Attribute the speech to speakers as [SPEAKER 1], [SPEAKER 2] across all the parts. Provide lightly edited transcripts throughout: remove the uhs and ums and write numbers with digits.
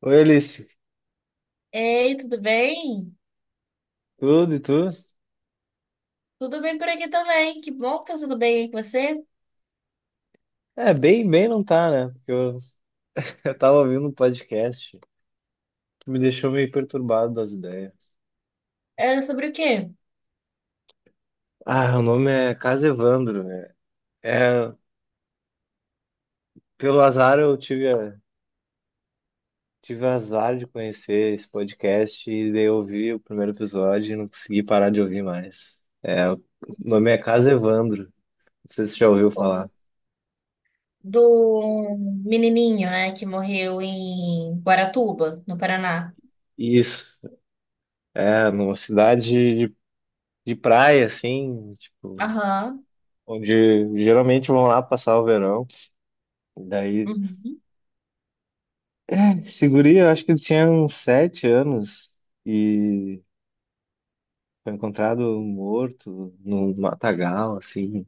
[SPEAKER 1] Oi, Alice.
[SPEAKER 2] Ei, tudo bem?
[SPEAKER 1] Tudo e tudo?
[SPEAKER 2] Tudo bem por aqui também. Que bom que tá tudo bem aí com você.
[SPEAKER 1] É, bem, bem não tá, né? Eu tava ouvindo um podcast que me deixou meio perturbado das ideias.
[SPEAKER 2] Era sobre o quê?
[SPEAKER 1] Ah, o nome é Casa Evandro, né? É, pelo azar tive azar de conhecer esse podcast e daí eu ouvi o primeiro episódio e não consegui parar de ouvir mais. É, o nome é Casa Evandro. Não sei se você já ouviu
[SPEAKER 2] O-
[SPEAKER 1] falar.
[SPEAKER 2] Do menininho, né, que morreu em Guaratuba, no Paraná.
[SPEAKER 1] Isso, é, numa de praia, assim, tipo,
[SPEAKER 2] Aham.
[SPEAKER 1] onde geralmente vão lá passar o verão. Daí,
[SPEAKER 2] Uhum.
[SPEAKER 1] esse guri, eu acho que ele tinha uns sete anos e foi encontrado morto no matagal, assim.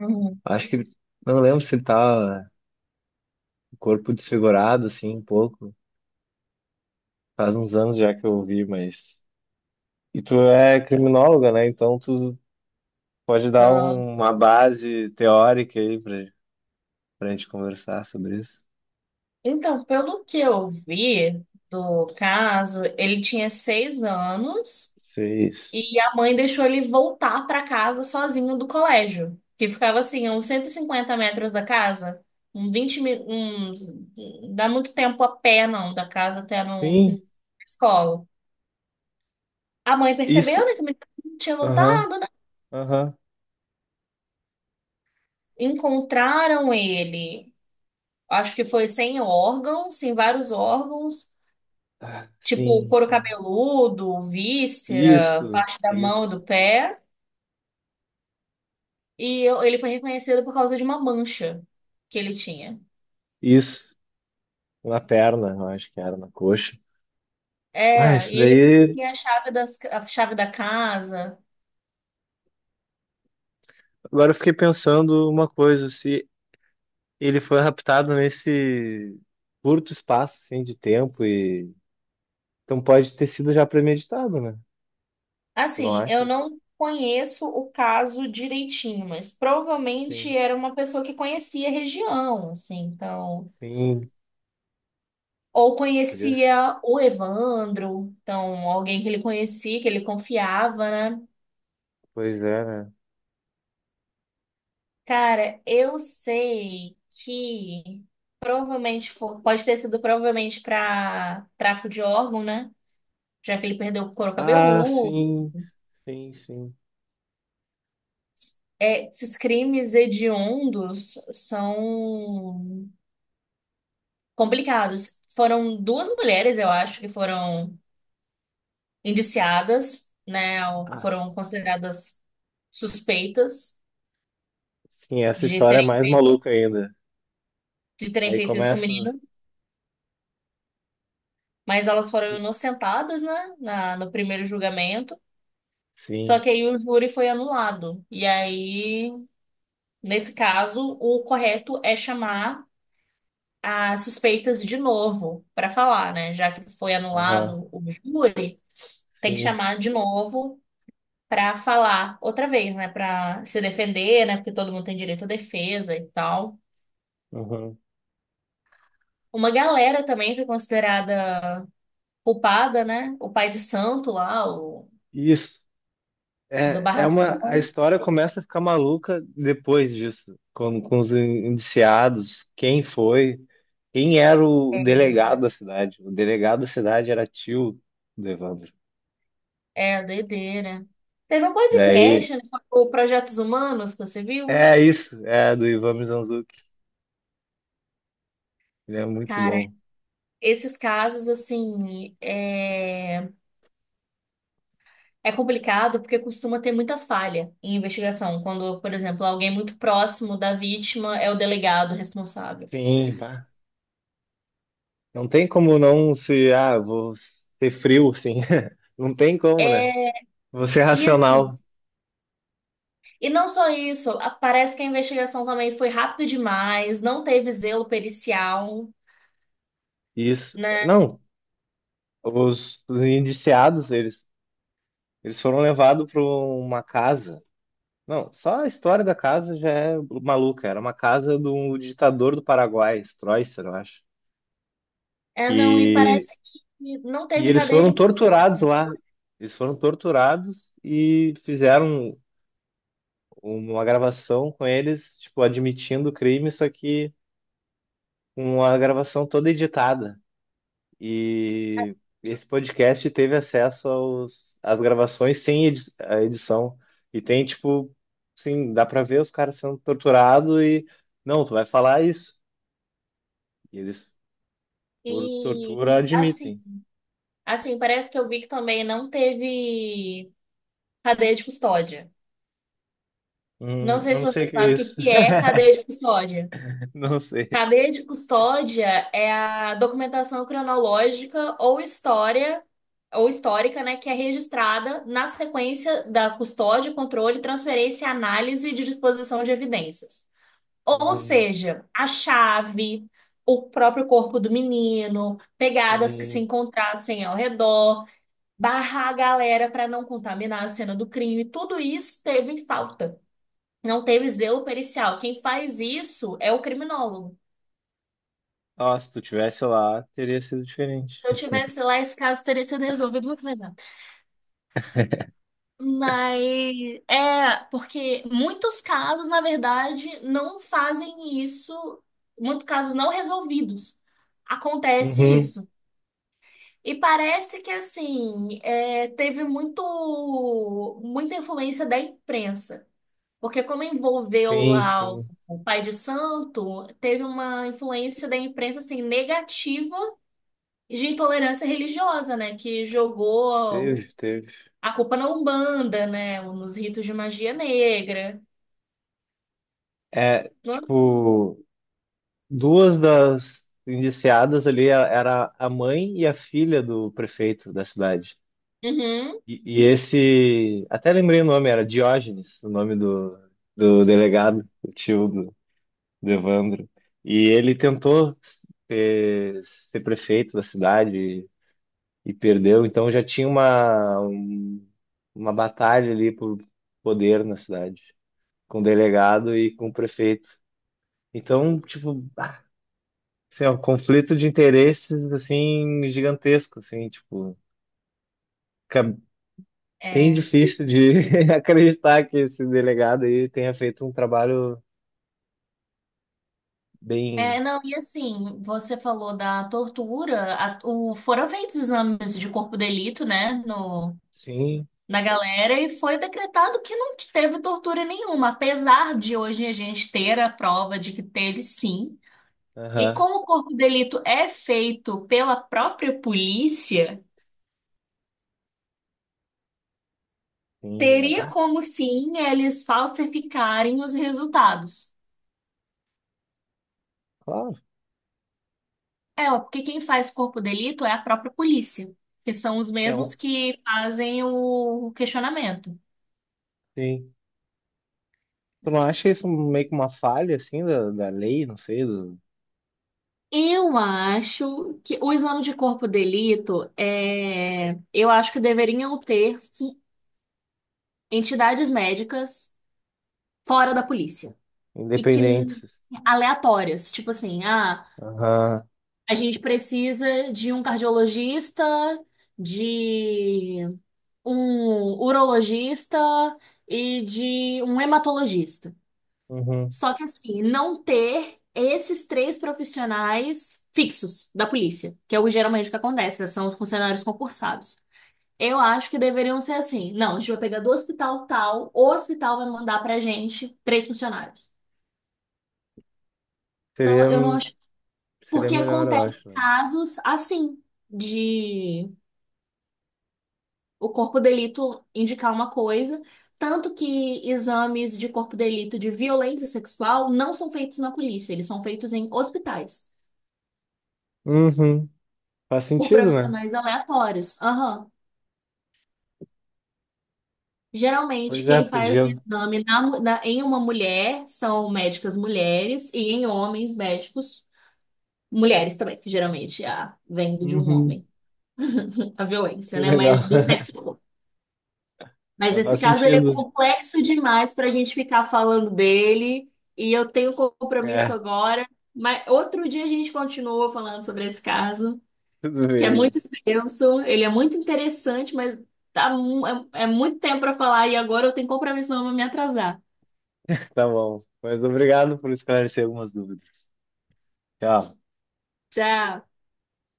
[SPEAKER 2] Uhum.
[SPEAKER 1] Acho que, não lembro se tá o corpo desfigurado, assim, um pouco. Faz uns anos já que eu ouvi, mas... E tu é criminóloga, né? Então tu pode
[SPEAKER 2] Ah,
[SPEAKER 1] uma base teórica aí pra, pra gente conversar sobre isso.
[SPEAKER 2] Então, pelo que eu vi do caso, ele tinha 6 anos.
[SPEAKER 1] Sei isso.
[SPEAKER 2] E a mãe deixou ele voltar para casa sozinho do colégio, que ficava assim, a uns 150 metros da casa, um 20 mi- uns, não dá muito tempo a pé não, da casa até no
[SPEAKER 1] Sim,
[SPEAKER 2] a escola. A mãe percebeu,
[SPEAKER 1] isso.
[SPEAKER 2] né, que o menino não tinha
[SPEAKER 1] Aham,
[SPEAKER 2] voltado, né?
[SPEAKER 1] aham.
[SPEAKER 2] Encontraram ele, acho que foi sem órgãos, sem vários órgãos,
[SPEAKER 1] Ah,
[SPEAKER 2] tipo
[SPEAKER 1] sim,
[SPEAKER 2] couro
[SPEAKER 1] sim.
[SPEAKER 2] cabeludo, víscera,
[SPEAKER 1] Isso,
[SPEAKER 2] parte da mão e
[SPEAKER 1] isso.
[SPEAKER 2] do pé, e ele foi reconhecido por causa de uma mancha que ele tinha.
[SPEAKER 1] Isso, na perna, eu acho que era, na coxa. Ah,
[SPEAKER 2] É, e
[SPEAKER 1] isso
[SPEAKER 2] ele
[SPEAKER 1] daí.
[SPEAKER 2] tem a chave a chave da casa.
[SPEAKER 1] Agora eu fiquei pensando uma coisa, se ele foi raptado nesse curto espaço, assim, de tempo e... Então pode ter sido já premeditado, né? Tu não
[SPEAKER 2] Assim, eu
[SPEAKER 1] acha?
[SPEAKER 2] não conheço o caso direitinho, mas
[SPEAKER 1] Sim,
[SPEAKER 2] provavelmente era uma pessoa que conhecia a região, assim, então.
[SPEAKER 1] sim.
[SPEAKER 2] Ou
[SPEAKER 1] Podia...
[SPEAKER 2] conhecia o Evandro, então, alguém que ele conhecia, que ele confiava, né?
[SPEAKER 1] Pois é, né?
[SPEAKER 2] Cara, eu sei que pode ter sido provavelmente para tráfico de órgão, né? Já que ele perdeu o couro
[SPEAKER 1] Ah,
[SPEAKER 2] cabeludo.
[SPEAKER 1] sim, sim, sim.
[SPEAKER 2] É, esses crimes hediondos são complicados. Foram duas mulheres, eu acho, que foram indiciadas, né, ou que
[SPEAKER 1] Ah,
[SPEAKER 2] foram consideradas suspeitas
[SPEAKER 1] sim, essa
[SPEAKER 2] de
[SPEAKER 1] história é mais maluca ainda.
[SPEAKER 2] de terem
[SPEAKER 1] Aí
[SPEAKER 2] feito isso com o
[SPEAKER 1] começa.
[SPEAKER 2] menino, mas elas foram inocentadas, né, no primeiro julgamento. Só
[SPEAKER 1] Sim,
[SPEAKER 2] que aí o júri foi anulado. E aí, nesse caso, o correto é chamar as suspeitas de novo para falar, né? Já que foi
[SPEAKER 1] aham,
[SPEAKER 2] anulado o júri, tem que
[SPEAKER 1] sim,
[SPEAKER 2] chamar de novo para falar outra vez, né? Para se defender, né? Porque todo mundo tem direito à defesa e tal.
[SPEAKER 1] aham.
[SPEAKER 2] Uma galera também que é considerada culpada, né? O pai de santo lá, o
[SPEAKER 1] Isso.
[SPEAKER 2] do
[SPEAKER 1] É, é uma, a
[SPEAKER 2] barracão,
[SPEAKER 1] história começa a ficar maluca depois disso, com os indiciados, quem foi, quem era o delegado da cidade. O delegado da cidade era tio do Evandro.
[SPEAKER 2] é a doideira, né? Teve um
[SPEAKER 1] Daí,
[SPEAKER 2] podcast, né, o Projetos Humanos, que você viu?
[SPEAKER 1] é isso, é do Ivan Mizanzuki. Ele é muito
[SPEAKER 2] Cara,
[SPEAKER 1] bom.
[SPEAKER 2] esses casos, assim, é complicado porque costuma ter muita falha em investigação, quando, por exemplo, alguém muito próximo da vítima é o delegado responsável.
[SPEAKER 1] Sim, pá. Não tem como não se... ah, vou ser frio, sim. Não tem como, né?
[SPEAKER 2] É,
[SPEAKER 1] Vou ser
[SPEAKER 2] e assim,
[SPEAKER 1] racional.
[SPEAKER 2] e não só isso, parece que a investigação também foi rápida demais, não teve zelo pericial,
[SPEAKER 1] Isso.
[SPEAKER 2] né?
[SPEAKER 1] Não, os indiciados, eles foram levados para uma casa. Não, só a história da casa já é maluca. Era uma casa do ditador do Paraguai, Stroessner, eu acho.
[SPEAKER 2] É, não, e
[SPEAKER 1] Que...
[SPEAKER 2] parece que não
[SPEAKER 1] E
[SPEAKER 2] teve
[SPEAKER 1] eles
[SPEAKER 2] cadeia
[SPEAKER 1] foram
[SPEAKER 2] de
[SPEAKER 1] torturados
[SPEAKER 2] custódia.
[SPEAKER 1] lá. Eles foram torturados e fizeram uma gravação com eles, tipo, admitindo o crime, só que uma gravação toda editada. E esse podcast teve acesso às gravações sem edi a edição. E tem, tipo, assim, dá pra ver os caras sendo torturados e... Não, tu vai falar isso. E eles, por
[SPEAKER 2] E
[SPEAKER 1] tortura,
[SPEAKER 2] assim,
[SPEAKER 1] admitem.
[SPEAKER 2] assim, parece que eu vi que também não teve cadeia de custódia. Não sei
[SPEAKER 1] Eu
[SPEAKER 2] se
[SPEAKER 1] não
[SPEAKER 2] você
[SPEAKER 1] sei o que é
[SPEAKER 2] sabe o que
[SPEAKER 1] isso.
[SPEAKER 2] que é cadeia de custódia.
[SPEAKER 1] Não sei.
[SPEAKER 2] Cadeia de custódia é a documentação cronológica ou história ou histórica, né, que é registrada na sequência da custódia, controle, transferência e análise de disposição de evidências. Ou
[SPEAKER 1] Hum,
[SPEAKER 2] seja, a chave, o próprio corpo do menino, pegadas que se
[SPEAKER 1] sim.
[SPEAKER 2] encontrassem ao redor, barrar a galera para não contaminar a cena do crime, tudo isso teve falta. Não teve zelo pericial. Quem faz isso é o criminólogo.
[SPEAKER 1] Ah, se tu tivesse lá, teria sido diferente.
[SPEAKER 2] Se eu tivesse lá, esse caso teria sido resolvido muito mais rápido. Mas é porque muitos casos, na verdade, não fazem isso, muitos casos não resolvidos. Acontece
[SPEAKER 1] Uhum.
[SPEAKER 2] isso. E parece que assim, é, teve muito muita influência da imprensa. Porque como envolveu
[SPEAKER 1] Sim,
[SPEAKER 2] lá
[SPEAKER 1] sim.
[SPEAKER 2] o pai de santo, teve uma influência da imprensa assim negativa de intolerância religiosa, né, que jogou
[SPEAKER 1] Teve, teve.
[SPEAKER 2] a culpa na Umbanda, né? Ou nos ritos de magia negra.
[SPEAKER 1] É,
[SPEAKER 2] Nossa.
[SPEAKER 1] tipo, duas das era a mãe e a filha do prefeito da cidade.
[SPEAKER 2] Uhum.
[SPEAKER 1] E esse, até lembrei o nome, era Diógenes, o nome do, do delegado, o tio do Devandro. E ele tentou ser prefeito da cidade e perdeu, então já tinha uma batalha ali por poder na cidade, com o delegado e com o prefeito. Então, tipo, ah, assim, ó, conflito de interesses, assim, gigantesco, assim, tipo, fica bem
[SPEAKER 2] É.
[SPEAKER 1] difícil de acreditar que esse delegado aí tenha feito um trabalho
[SPEAKER 2] É,
[SPEAKER 1] bem,
[SPEAKER 2] não, e assim, você falou da tortura, foram feitos exames de corpo de delito, né, no,
[SPEAKER 1] sim,
[SPEAKER 2] na galera, e foi decretado que não teve tortura nenhuma, apesar de hoje a gente ter a prova de que teve sim. E
[SPEAKER 1] aham,
[SPEAKER 2] como o corpo de delito é feito pela própria polícia,
[SPEAKER 1] sim, é,
[SPEAKER 2] teria
[SPEAKER 1] bah,
[SPEAKER 2] como sim eles falsificarem os resultados.
[SPEAKER 1] claro.
[SPEAKER 2] É, ó, porque quem faz corpo de delito é a própria polícia, que são os
[SPEAKER 1] É
[SPEAKER 2] mesmos
[SPEAKER 1] um,
[SPEAKER 2] que fazem o questionamento.
[SPEAKER 1] sim. Tu não acha isso meio que uma falha, assim, da lei, não sei, do...
[SPEAKER 2] Eu acho que o exame de corpo de delito eu acho que deveriam entidades médicas fora da polícia e que
[SPEAKER 1] independentes?
[SPEAKER 2] aleatórias, tipo assim, ah,
[SPEAKER 1] Aham,
[SPEAKER 2] a gente precisa de um cardiologista, de um urologista e de um hematologista.
[SPEAKER 1] uhum.
[SPEAKER 2] Só que assim, não ter esses três profissionais fixos da polícia, que é o geralmente que acontece, né? São funcionários concursados. Eu acho que deveriam ser assim. Não, a gente vai pegar do hospital tal, o hospital vai mandar pra gente três funcionários. Então,
[SPEAKER 1] Seria,
[SPEAKER 2] eu não acho.
[SPEAKER 1] seria
[SPEAKER 2] Porque
[SPEAKER 1] melhor, eu
[SPEAKER 2] acontece
[SPEAKER 1] acho, né?
[SPEAKER 2] casos assim, de o corpo de delito indicar uma coisa, tanto que exames de corpo de delito de violência sexual não são feitos na polícia, eles são feitos em hospitais.
[SPEAKER 1] Uhum. Faz
[SPEAKER 2] Por
[SPEAKER 1] sentido, né?
[SPEAKER 2] profissionais aleatórios. Aham. Geralmente,
[SPEAKER 1] Pois é,
[SPEAKER 2] quem faz o
[SPEAKER 1] podia.
[SPEAKER 2] exame em uma mulher são médicas mulheres e em homens, médicos mulheres também, que geralmente a, vem de um
[SPEAKER 1] Uhum.
[SPEAKER 2] homem. A violência,
[SPEAKER 1] Que
[SPEAKER 2] né?
[SPEAKER 1] legal.
[SPEAKER 2] Mas do sexo oposto. Mas
[SPEAKER 1] Mas
[SPEAKER 2] nesse
[SPEAKER 1] faz
[SPEAKER 2] caso, ele é
[SPEAKER 1] sentido.
[SPEAKER 2] complexo demais para a gente ficar falando dele e eu tenho compromisso
[SPEAKER 1] É,
[SPEAKER 2] agora. Mas outro dia a gente continua falando sobre esse caso,
[SPEAKER 1] tudo
[SPEAKER 2] que é
[SPEAKER 1] bem,
[SPEAKER 2] muito extenso, ele é muito interessante, mas tá, é muito tempo para falar e agora eu tenho compromisso, não eu vou me atrasar.
[SPEAKER 1] tá bom. Mas obrigado por esclarecer algumas dúvidas. Tchau.
[SPEAKER 2] Tchau.